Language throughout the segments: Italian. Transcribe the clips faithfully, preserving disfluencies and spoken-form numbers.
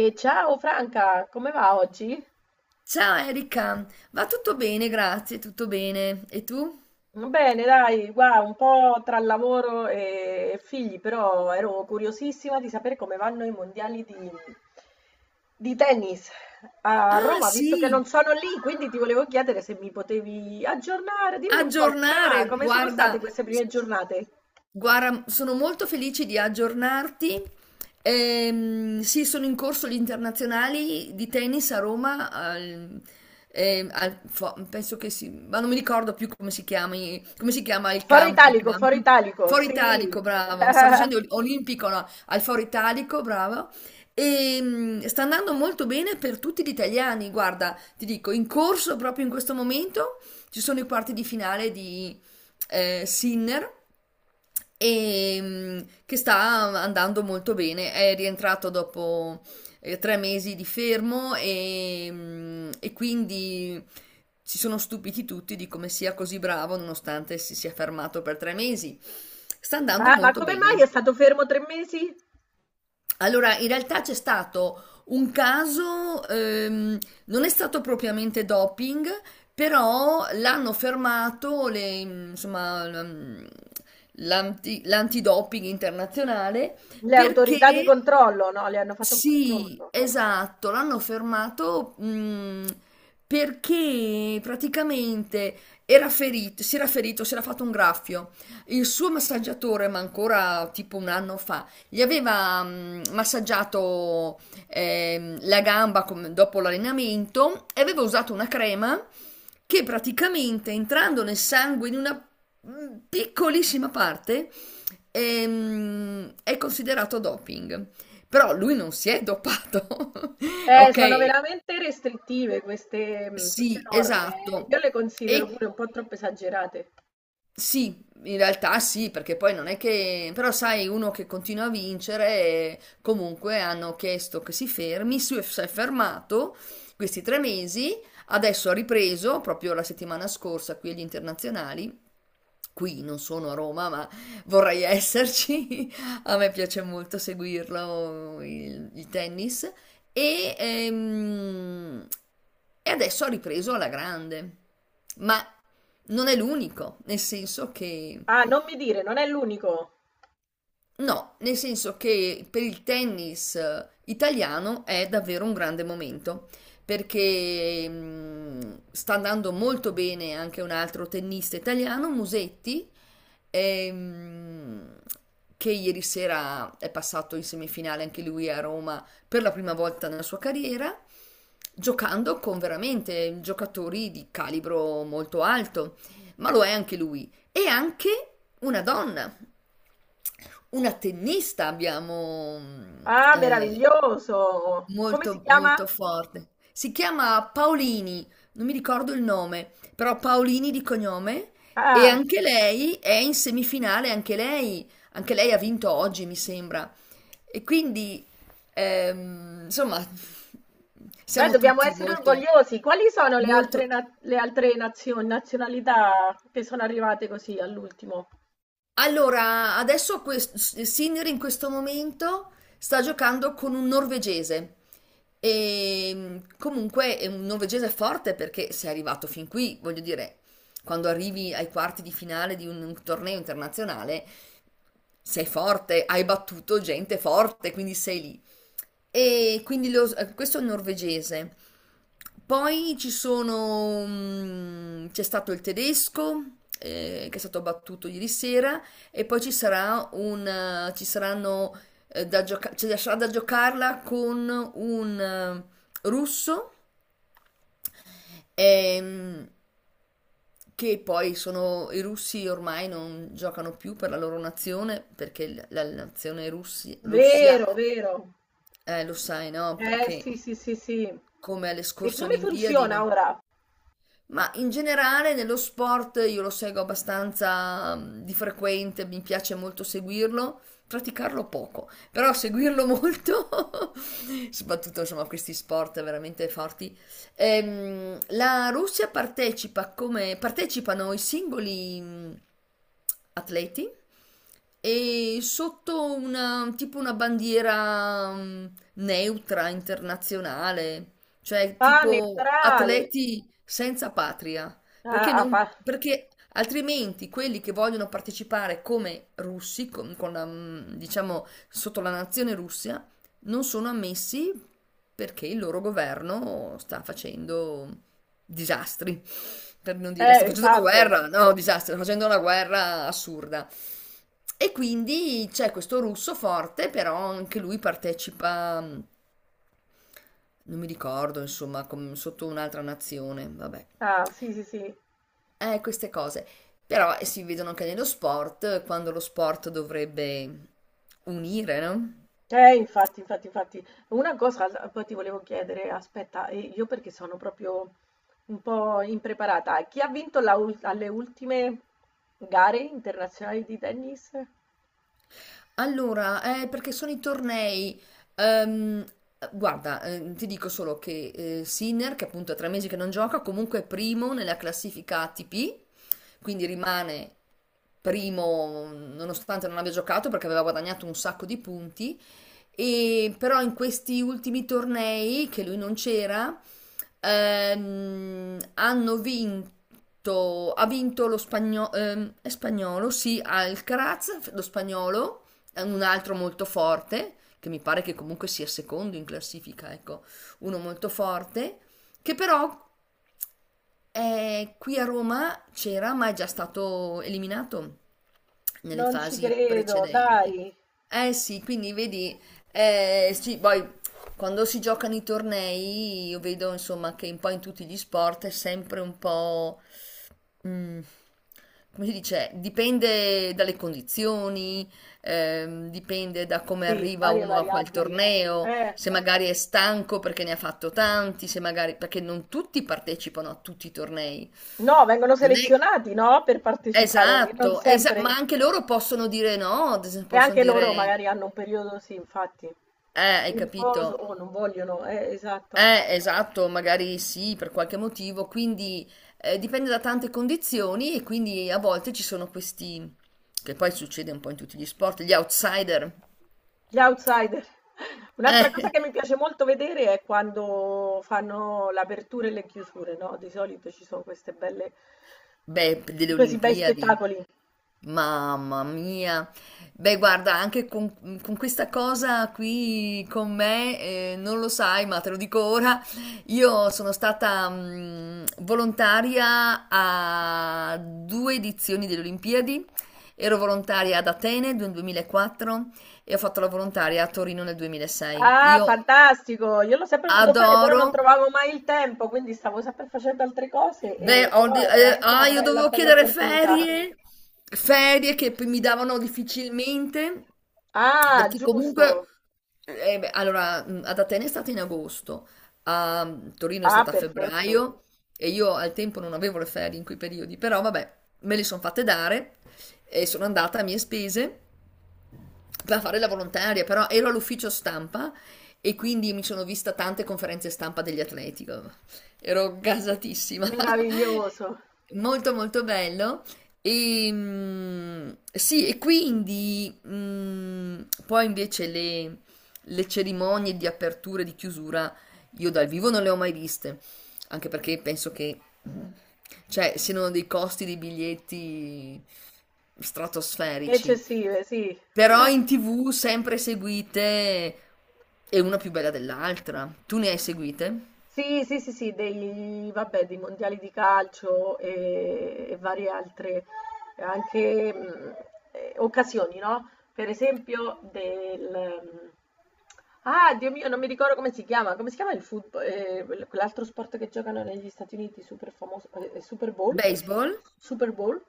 E ciao Franca, come va oggi? Ciao Erika, va tutto bene, grazie, tutto bene. E tu? Bene, dai, guarda, un po' tra lavoro e figli, però ero curiosissima di sapere come vanno i mondiali di, di tennis a Ah Roma, visto che sì, non sono lì, quindi ti volevo chiedere se mi potevi aggiornare, dimmi un po' come va, aggiornare, come sono state guarda, queste prime giornate? Guarda, sono molto felice di aggiornarti. Ehm, sì, sono in corso gli internazionali di tennis a Roma. Al- ehm, al- fo- penso che si, ma non mi ricordo più come si chiami, come si chiama il Foro camp, i Italico, Foro campi. Italico, Foro sì. Italico, bravo. Stavo dicendo ol- olimpico, no, al Foro Italico, bravo. E sta andando molto bene per tutti gli italiani. Guarda, ti dico, in corso proprio in questo momento ci sono i quarti di finale, eh, Sinner, e, mh, che sta andando molto bene. È rientrato dopo eh, tre mesi di fermo, e, mh, e quindi si sono stupiti tutti di come sia così bravo nonostante si sia fermato per tre mesi. Sta andando Ah, ma molto come mai bene. è stato fermo tre mesi? Allora, in realtà c'è stato un caso, ehm, non è stato propriamente doping, però l'hanno fermato, le- insomma, l'am- l'anti- l'antidoping internazionale. Le autorità di Perché controllo, no? Le hanno fatto un Sì, controllo. esatto, l'hanno fermato, mh, perché praticamente era ferito, si era ferito, si era fatto un graffio. Il suo massaggiatore, ma ancora tipo un anno fa, gli aveva mh, massaggiato ehm, la gamba, come- dopo l'allenamento, e aveva usato una crema che praticamente entrando nel sangue in una mh, piccolissima parte ehm, è considerato doping. Però lui non si è dopato, Eh, ok? sono veramente restrittive queste, mh, queste Sì, norme. Eh, esatto. io le considero E pure un po' troppo esagerate. sì, in realtà sì, perché poi non è che. Però sai, uno che continua a vincere, eh, comunque hanno chiesto che si fermi, si si è fermato questi tre mesi, adesso ha ripreso proprio la settimana scorsa qui agli internazionali. Qui non sono a Roma, ma vorrei esserci. A me piace molto seguirlo, il, il tennis. E, ehm, e adesso ha ripreso alla grande. Ma non è l'unico, nel senso che, Ah, non mi dire, non è l'unico. no, nel senso che per il tennis eh, italiano è davvero un grande momento, perché mh, sta andando molto bene anche un altro tennista italiano, Musetti, ehm, che ieri sera è passato in semifinale anche lui a Roma per la prima volta nella sua carriera, giocando con veramente giocatori di calibro molto alto, ma lo è anche lui, e anche una donna, una tennista abbiamo, mhmm, Ah, ehm, meraviglioso. Come si molto, chiama? molto forte. Si chiama Paolini, non mi ricordo il nome, però Paolini di cognome, e Ah, anche lei è in semifinale, anche lei anche lei ha vinto oggi, mi sembra. E quindi, ehm, insomma, beh, siamo dobbiamo tutti essere molto orgogliosi. Quali sono le altre, molto. na- le altre nazioni, nazionalità che sono arrivate così all'ultimo? Allora, adesso quest- Sinner in questo momento sta giocando con un norvegese. E mh, comunque è un norvegese forte perché se è arrivato fin qui, voglio dire, quando arrivi ai quarti di finale di un, un torneo internazionale, sei forte, hai battuto gente forte, quindi sei lì. E quindi, lo- eh, questo è un norvegese. Poi ci sono, mm, c'è stato il tedesco, eh, che è stato battuto ieri sera, e poi ci sarà un, eh, ci saranno, eh, da gioca- cioè, sarà da giocarla con un eh, russo, ehm, che poi sono i russi ormai non giocano più per la loro nazione perché la, la nazione, russi- Russia, Vero, vero. eh, lo sai, no? Eh, Perché sì, sì, sì, sì. come alle E scorse come Olimpiadi funziona non. ora? Ma in generale nello sport io lo seguo abbastanza mm, di frequente, mi piace molto seguirlo, praticarlo poco, però seguirlo molto, soprattutto insomma questi sport veramente forti. Ehm, la Russia partecipa come partecipano i singoli mm, atleti, e sotto una tipo una bandiera mm, neutra internazionale, cioè Ah, tipo neutrale. atleti senza patria, Ah, perché, ah, non, pa- perché altrimenti quelli che vogliono partecipare come russi, con, con la, mm, diciamo sotto la nazione Russia, non sono ammessi perché il loro governo sta facendo disastri, per non dire sta eh, facendo una esatto. guerra, no, disastro, sta facendo una guerra assurda. E quindi c'è questo russo forte, però anche lui partecipa, mm, non mi ricordo, insomma, com- sotto un'altra nazione, vabbè. Ah, sì, sì, sì. Eh, queste cose. Però eh, si vedono anche nello sport, quando lo sport dovrebbe unire, no? Eh, infatti, infatti, infatti. Una cosa l- poi ti volevo chiedere, aspetta, e io perché sono proprio un po' impreparata. Chi ha vinto la ul- alle ultime gare internazionali di tennis? Allora, eh, perché sono i tornei. Ehm, Guarda, eh, ti dico solo che eh, Sinner, che appunto ha tre mesi che non gioca, comunque è primo nella classifica A T P, quindi rimane primo nonostante non abbia giocato perché aveva guadagnato un sacco di punti, e però in questi ultimi tornei che lui non c'era ehm, hanno vinto ha vinto lo spagnolo, ehm, è spagnolo, sì, Alcaraz, lo spagnolo, è un altro molto forte, che mi pare che comunque sia secondo in classifica, ecco, uno molto forte, che però eh, qui a Roma c'era, ma è già stato eliminato nelle Non ci fasi credo, precedenti. dai. Eh sì, quindi vedi, eh, sì, poi quando si giocano i tornei, io vedo insomma che un po' in tutti gli sport è sempre un po'. Mhmm, Come si dice, dipende dalle condizioni, ehm, dipende da come Sì, arriva varie uno a quel variabili. torneo, Eh, se magari è stanco perché ne ha fatto tanti, se magari perché non tutti partecipano a tutti i tornei. no, vengono Non è selezionati, no? Per partecipare, non Esatto, esa ma sempre. anche loro possono dire no, ad E esempio possono anche loro dire. magari hanno un periodo, sì, infatti, eh, Hai di capito? riposo o non vogliono, eh, esatto. Eh, esatto, magari sì, per qualche motivo, quindi eh, dipende da tante condizioni, e quindi a volte ci sono questi, che poi succede un po' in tutti gli sport, gli outsider. Gli outsider. Un'altra cosa Eh, che mi piace molto vedere è quando fanno l'apertura e le chiusure, no? Di solito ci sono queste belle, Beh, delle questi bei Olimpiadi. spettacoli. Mamma mia. Beh, guarda, anche con, con questa cosa qui con me, eh, non lo sai, ma te lo dico ora, io sono stata mm, volontaria a due edizioni delle Olimpiadi. Ero volontaria ad Atene nel duemilaquattro e ho fatto la volontaria a Torino nel duemilasei. Ah, Io fantastico! Io l'ho sempre voluto fare, però adoro. non trovavo mai il tempo, quindi stavo sempre facendo altre cose, Beh, e- ho però de- è eh, veramente una ah, io bella, dovevo bella chiedere opportunità. ferie, ferie che p- mi davano difficilmente, Ah, perché comunque, giusto! eh, beh, allora, mh, ad Atene è stata in agosto, a Torino è Ah, stata a perfetto! febbraio, e io al tempo non avevo le ferie in quei periodi, però vabbè, me le sono fatte dare, e sono andata a mie spese per fare la volontaria, però ero all'ufficio stampa, e quindi mi sono vista tante conferenze stampa degli atleti. Ero gasatissima. Meraviglioso! Molto molto bello. E, mm, sì, e quindi, mm, poi invece le, le cerimonie di apertura e di chiusura, io dal vivo non le ho mai viste, anche perché penso che, mm, cioè, siano dei costi dei biglietti stratosferici. Eccessive, sì. Però in T V sempre seguite, e una più bella dell'altra. Tu ne hai seguite? Sì, sì, sì, sì, dei, vabbè, dei mondiali di calcio e, e varie altre anche, mh, eh, occasioni, no? Per esempio del... mh, ah, Dio mio, non mi ricordo come si chiama. Come si chiama il football? Eh, quel- quell'altro sport che giocano negli Stati Uniti, super famoso, eh, Super Bowl? Baseball? Super Bowl?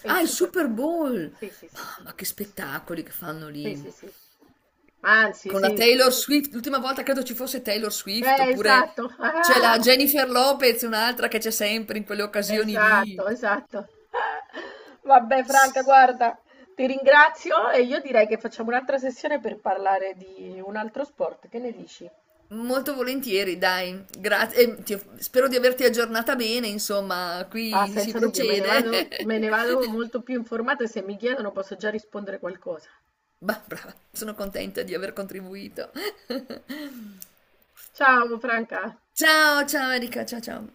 È Ah, il il Super Super Bowl. Bowl! Sì, sì, sì. Mamma, che spettacoli che fanno Sì, lì. sì, sì. Anzi, Con la sì. Taylor Swift, l'ultima volta credo ci fosse Taylor Swift, Eh, oppure esatto. c'è la Jennifer Lopez, un'altra che c'è sempre in quelle occasioni lì. Esatto, esatto. Vabbè, S- Franca, guarda, ti ringrazio e io direi che facciamo un'altra sessione per parlare di un altro sport. Che ne dici? Molto volentieri, dai, grazie. e ti- Spero di averti aggiornata bene, insomma, Ah, qui si senza dubbio, me ne procede. vado, me ne vado molto più informata e se mi chiedono posso già rispondere qualcosa. Bah, brava, sono contenta di aver contribuito. Ciao, Franca. Ciao, ciao Erika, ciao ciao.